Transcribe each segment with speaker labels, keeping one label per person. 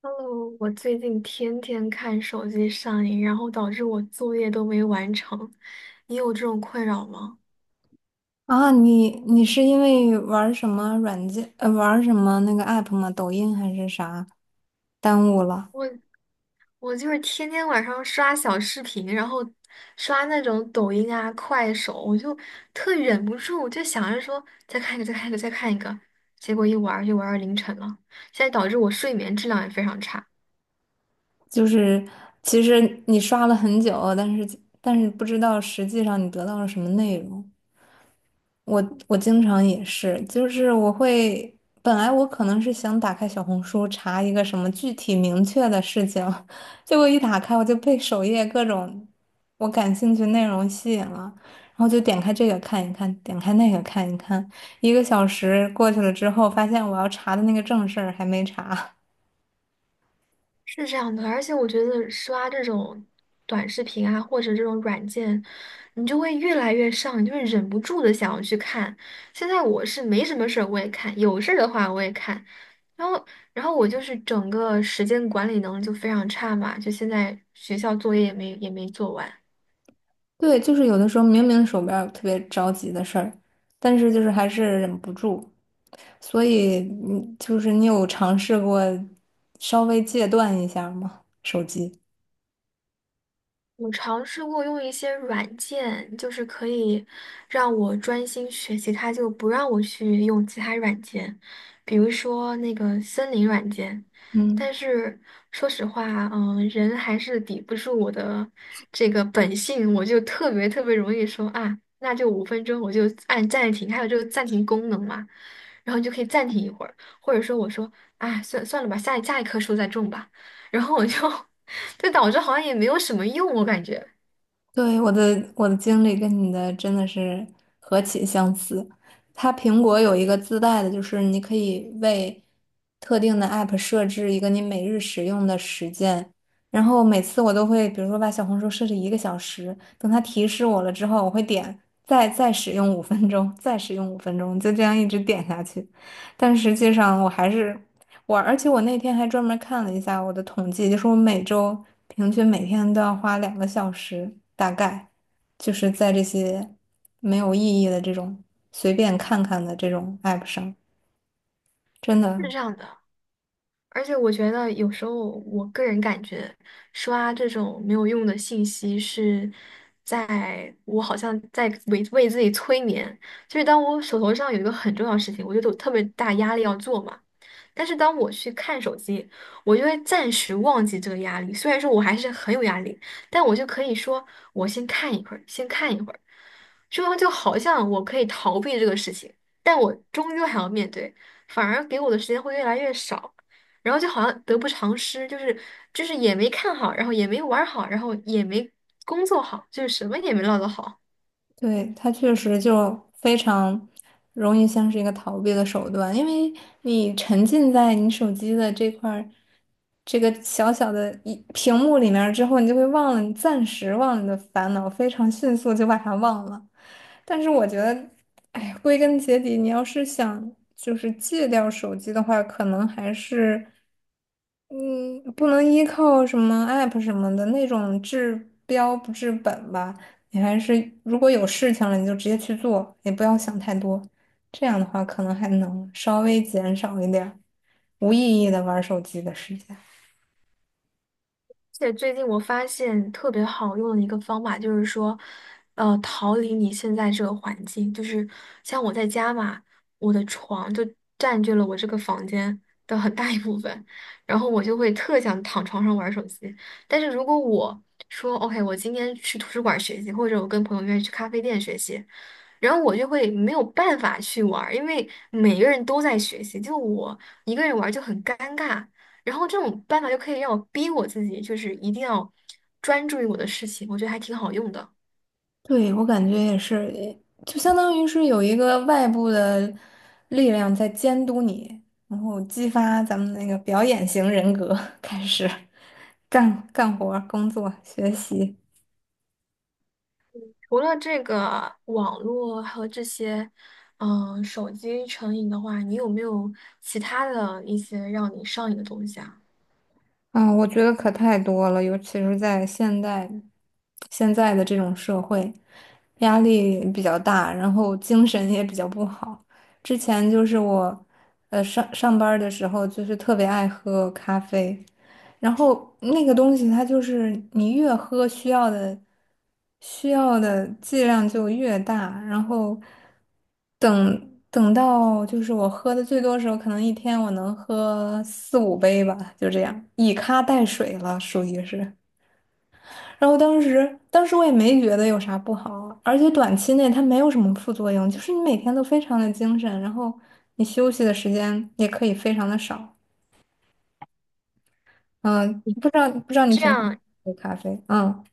Speaker 1: Hello，我最近天天看手机上瘾，然后导致我作业都没完成。你有这种困扰吗？
Speaker 2: 啊，你是因为玩儿什么软件，玩儿什么那个 app 吗？抖音还是啥？耽误了，
Speaker 1: 我我就是天天晚上刷小视频，然后刷那种抖音啊、快手，我就特忍不住，我就想着说再看一个、再看一个、再看一个，结果一玩儿就玩儿到凌晨了。现在导致我睡眠质量也非常差。
Speaker 2: 就是其实你刷了很久，但是不知道实际上你得到了什么内容。我我经常也是，就是我会，本来我可能是想打开小红书查一个什么具体明确的事情，结果一打开我就被首页各种我感兴趣内容吸引了，然后就点开这个看一看，点开那个看一看，一个小时过去了之后，发现我要查的那个正事儿还没查。
Speaker 1: 是这样的，而且我觉得刷这种短视频啊，或者这种软件，你就会越来越上瘾，你就会忍不住的想要去看。现在我是没什么事儿我也看，有事儿的话我也看，然后然后我就是整个时间管理能力就非常差嘛，就现在学校作业也没做完。
Speaker 2: 对，就是有的时候明明手边儿有特别着急的事儿，但是就是还是忍不住。所以，就是你有尝试过稍微戒断一下吗？手机？
Speaker 1: 我尝试过用一些软件，就是可以让我专心学习，它就不让我去用其他软件，比如说那个森林软件。
Speaker 2: 嗯，
Speaker 1: 但是说实话，嗯，人还是抵不住我的这个本性，我就特别特别容易说啊，那就5分钟，我就按暂停，还有这个暂停功能嘛，然后你就可以暂停一会儿，或者说我说，哎，算了吧，下一棵树再种吧，然后我就 这导致好像也没有什么用，我感觉
Speaker 2: 对，我的经历跟你的真的是何其相似。它苹果有一个自带的，就是你可以为特定的 app 设置一个你每日使用的时间。然后每次我都会，比如说把小红书设置一个小时，等它提示我了之后，我会点再使用五分钟，再使用五分钟，就这样一直点下去。但实际上我还是我我那天还专门看了一下我的统计，就是我每周平均每天都要花2个小时，大概就是在这些没有意义的这种随便看看的这种 app 上，真
Speaker 1: 是
Speaker 2: 的，
Speaker 1: 这样的。而且我觉得有时候，我个人感觉刷这种没有用的信息是在我好像在为自己催眠。就是当我手头上有一个很重要的事情，我觉得有特别大压力要做嘛。但是当我去看手机，我就会暂时忘记这个压力。虽然说我还是很有压力，但我就可以说我先看一会儿，先看一会儿，这样就好像我可以逃避这个事情，但我终究还要面对，反而给我的时间会越来越少。然后就好像得不偿失，就是也没看好，然后也没玩儿好，然后也没工作好，就是什么也没落得好。
Speaker 2: 对，它确实就非常容易像是一个逃避的手段，因为你沉浸在你手机的这块。这个小小的一屏幕里面儿之后，你就会忘了，你暂时忘了你的烦恼，非常迅速就把它忘了。但是我觉得，哎归根结底，你要是想就是戒掉手机的话，可能还是嗯，不能依靠什么 app 什么的那种治标不治本吧。你还是如果有事情了，你就直接去做，也不要想太多。这样的话，可能还能稍微减少一点儿无意义的玩手机的时间。
Speaker 1: 而且最近我发现特别好用的一个方法就是说，逃离你现在这个环境。就是像我在家嘛，我的床就占据了我这个房间的很大一部分，然后我就会特想躺床上玩手机。但是如果我说 OK，我今天去图书馆学习，或者我跟朋友约去咖啡店学习，然后我就会没有办法去玩儿，因为每个人都在学习，就我一个人玩儿就很尴尬。然后这种办法就可以让我逼我自己，就是一定要专注于我的事情，我觉得还挺好用的。
Speaker 2: 对，我感觉也是，就相当于是有一个外部的力量在监督你，然后激发咱们那个表演型人格，开始 干活儿工作、学习。
Speaker 1: 除了这个网络和这些，嗯，手机成瘾的话，你有没有其他的一些让你上瘾的东西啊？
Speaker 2: 啊，我觉得可太多了，尤其是在现在的这种社会，压力比较大，然后精神也比较不好。之前就是我，呃，上班儿的时候就是特别爱喝咖啡。然后那个东西它就是你越喝需要的剂量就越大，然后等到就是我喝的最多的时候，可能一天我能喝四五杯吧，就这样以咖代水了，属于是。然后当时我也没觉得有啥不好，而且短期内它没有什么副作用，就是你每天都非常的精神，然后你休息的时间也可以非常的少。嗯，不知道你
Speaker 1: 这
Speaker 2: 平时
Speaker 1: 样，
Speaker 2: 喝咖啡，嗯。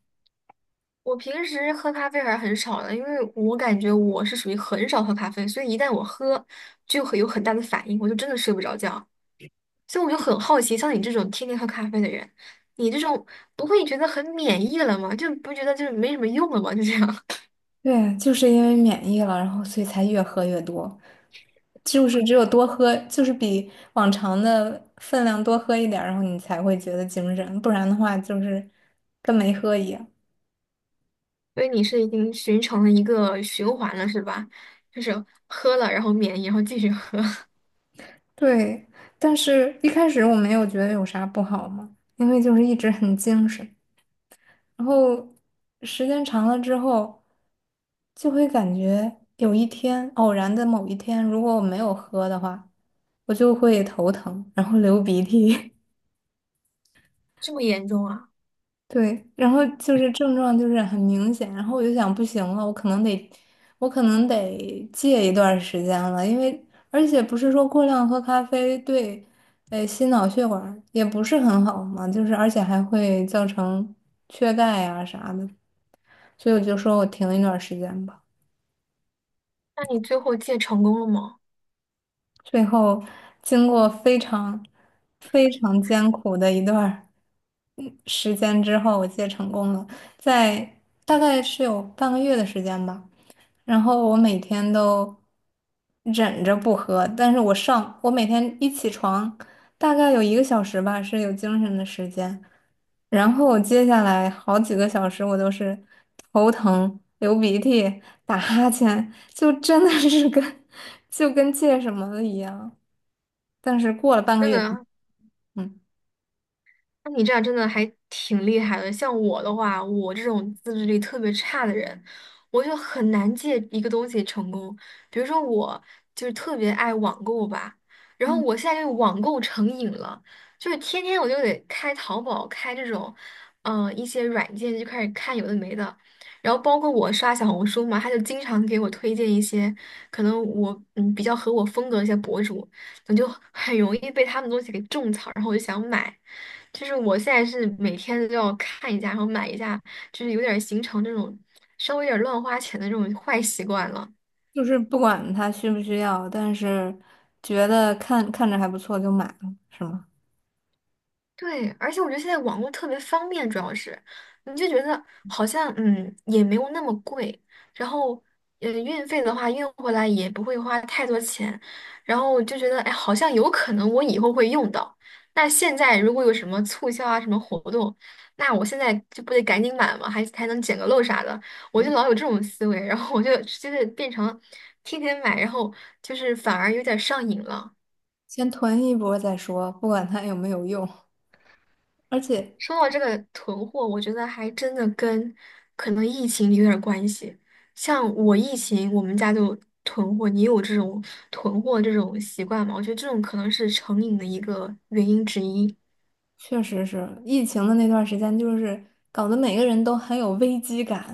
Speaker 1: 我平时喝咖啡还是很少的，因为我感觉我是属于很少喝咖啡，所以一旦我喝，就会有很大的反应，我就真的睡不着觉。所以我就很好奇，像你这种天天喝咖啡的人，你这种不会觉得很免疫了吗？就不觉得就是没什么用了吗？就这样，
Speaker 2: 对，就是因为免疫了，然后所以才越喝越多，就是只有多喝，就是比往常的分量多喝一点儿，然后你才会觉得精神，不然的话就是跟没喝一样。
Speaker 1: 所以你是已经形成了一个循环了，是吧？就是喝了，然后免疫，然后继续喝，
Speaker 2: 对，但是一开始我没有觉得有啥不好嘛，因为就是一直很精神，然后时间长了之后，就会感觉有一天偶然的某一天，如果我没有喝的话，我就会头疼，然后流鼻涕。
Speaker 1: 这么严重啊？
Speaker 2: 对，然后就是症状就是很明显，然后我就想不行了，我可能得戒一段时间了，因为而且不是说过量喝咖啡对，呃，心脑血管也不是很好嘛，就是而且还会造成缺钙啊啥的，所以我就说我停一段时间吧。
Speaker 1: 那你最后戒成功了吗？
Speaker 2: 最后经过非常非常艰苦的时间之后，我戒成功了，在大概是有半个月的时间吧。然后我每天都忍着不喝，但是我上，我每天一起床，大概有一个小时吧，是有精神的时间。然后我接下来好几个小时，我都是头疼、流鼻涕、打哈欠，就真的是跟 就跟戒什么的一样。但是过了半个
Speaker 1: 真
Speaker 2: 月，
Speaker 1: 的
Speaker 2: 嗯。
Speaker 1: 那你这样真的还挺厉害的。像我的话，我这种自制力特别差的人，我就很难借一个东西成功。比如说，我就是特别爱网购吧，然后我现在就网购成瘾了，就是天天我就得开淘宝，开这种，嗯、一些软件就开始看有的没的。然后包括我刷小红书嘛，他就经常给我推荐一些可能我嗯比较合我风格的一些博主，我就很容易被他们东西给种草，然后我就想买。就是我现在是每天都要看一下，然后买一下，就是有点儿形成这种稍微有点儿乱花钱的这种坏习惯了。
Speaker 2: 就是不管他需不需要，但是觉得看看着还不错就买了，是吗？
Speaker 1: 对，而且我觉得现在网络特别方便，主要是你就觉得好像嗯也没有那么贵，然后运费的话运回来也不会花太多钱，然后我就觉得哎好像有可能我以后会用到。那现在如果有什么促销啊什么活动，那我现在就不得赶紧买嘛，还能捡个漏啥的，我就老有这种思维，然后我就变成天天买，然后就是反而有点上瘾了。
Speaker 2: 先囤一波再说，不管它有没有用。而且
Speaker 1: 说到这个囤货，我觉得还真的跟可能疫情有点儿关系。像我疫情，我们家就囤货，你有这种囤货这种习惯吗？我觉得这种可能是成瘾的一个原因之一。
Speaker 2: 确实是疫情的那段时间，就是搞得每个人都很有危机感，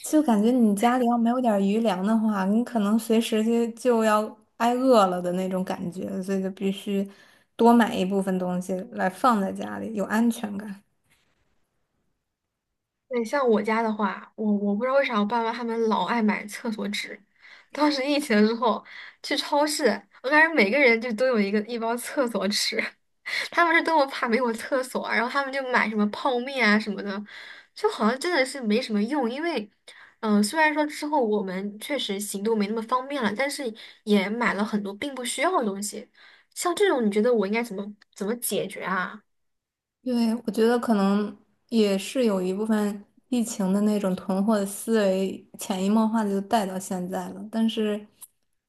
Speaker 2: 就感觉你家里要没有点儿余粮的话，你可能随时就要挨饿了的那种感觉，所以就必须多买一部分东西来放在家里，有安全感。
Speaker 1: 对，像我家的话，我不知道为啥我爸妈他们老爱买厕所纸。当时疫情之后去超市，我感觉每个人就都有一个一包厕所纸。他们是多么怕没有厕所啊，然后他们就买什么泡面啊什么的，就好像真的是没什么用。因为，嗯、虽然说之后我们确实行动没那么方便了，但是也买了很多并不需要的东西。像这种，你觉得我应该怎么解决啊？
Speaker 2: 对，我觉得可能也是有一部分疫情的那种囤货的思维，潜移默化的就带到现在了。但是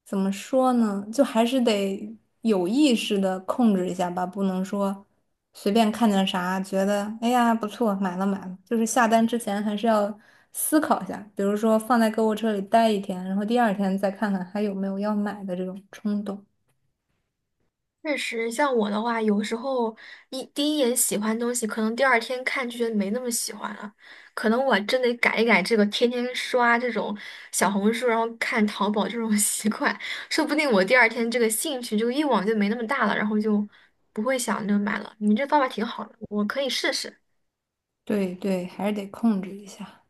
Speaker 2: 怎么说呢，就还是得有意识的控制一下吧，不能说随便看见啥觉得哎呀不错，买了买了，就是下单之前还是要思考一下，比如说放在购物车里待一天，然后第二天再看看还有没有要买的这种冲动。
Speaker 1: 确实，像我的话，有时候第一眼喜欢东西，可能第二天看就觉得没那么喜欢了，可能我真得改一改这个天天刷这种小红书，然后看淘宝这种 习惯，说不定我第二天这个兴趣、就个欲望就没那么大了，然后就不会想着买了。你这方法挺好的，我可以试试。
Speaker 2: 对对，还是得控制一下。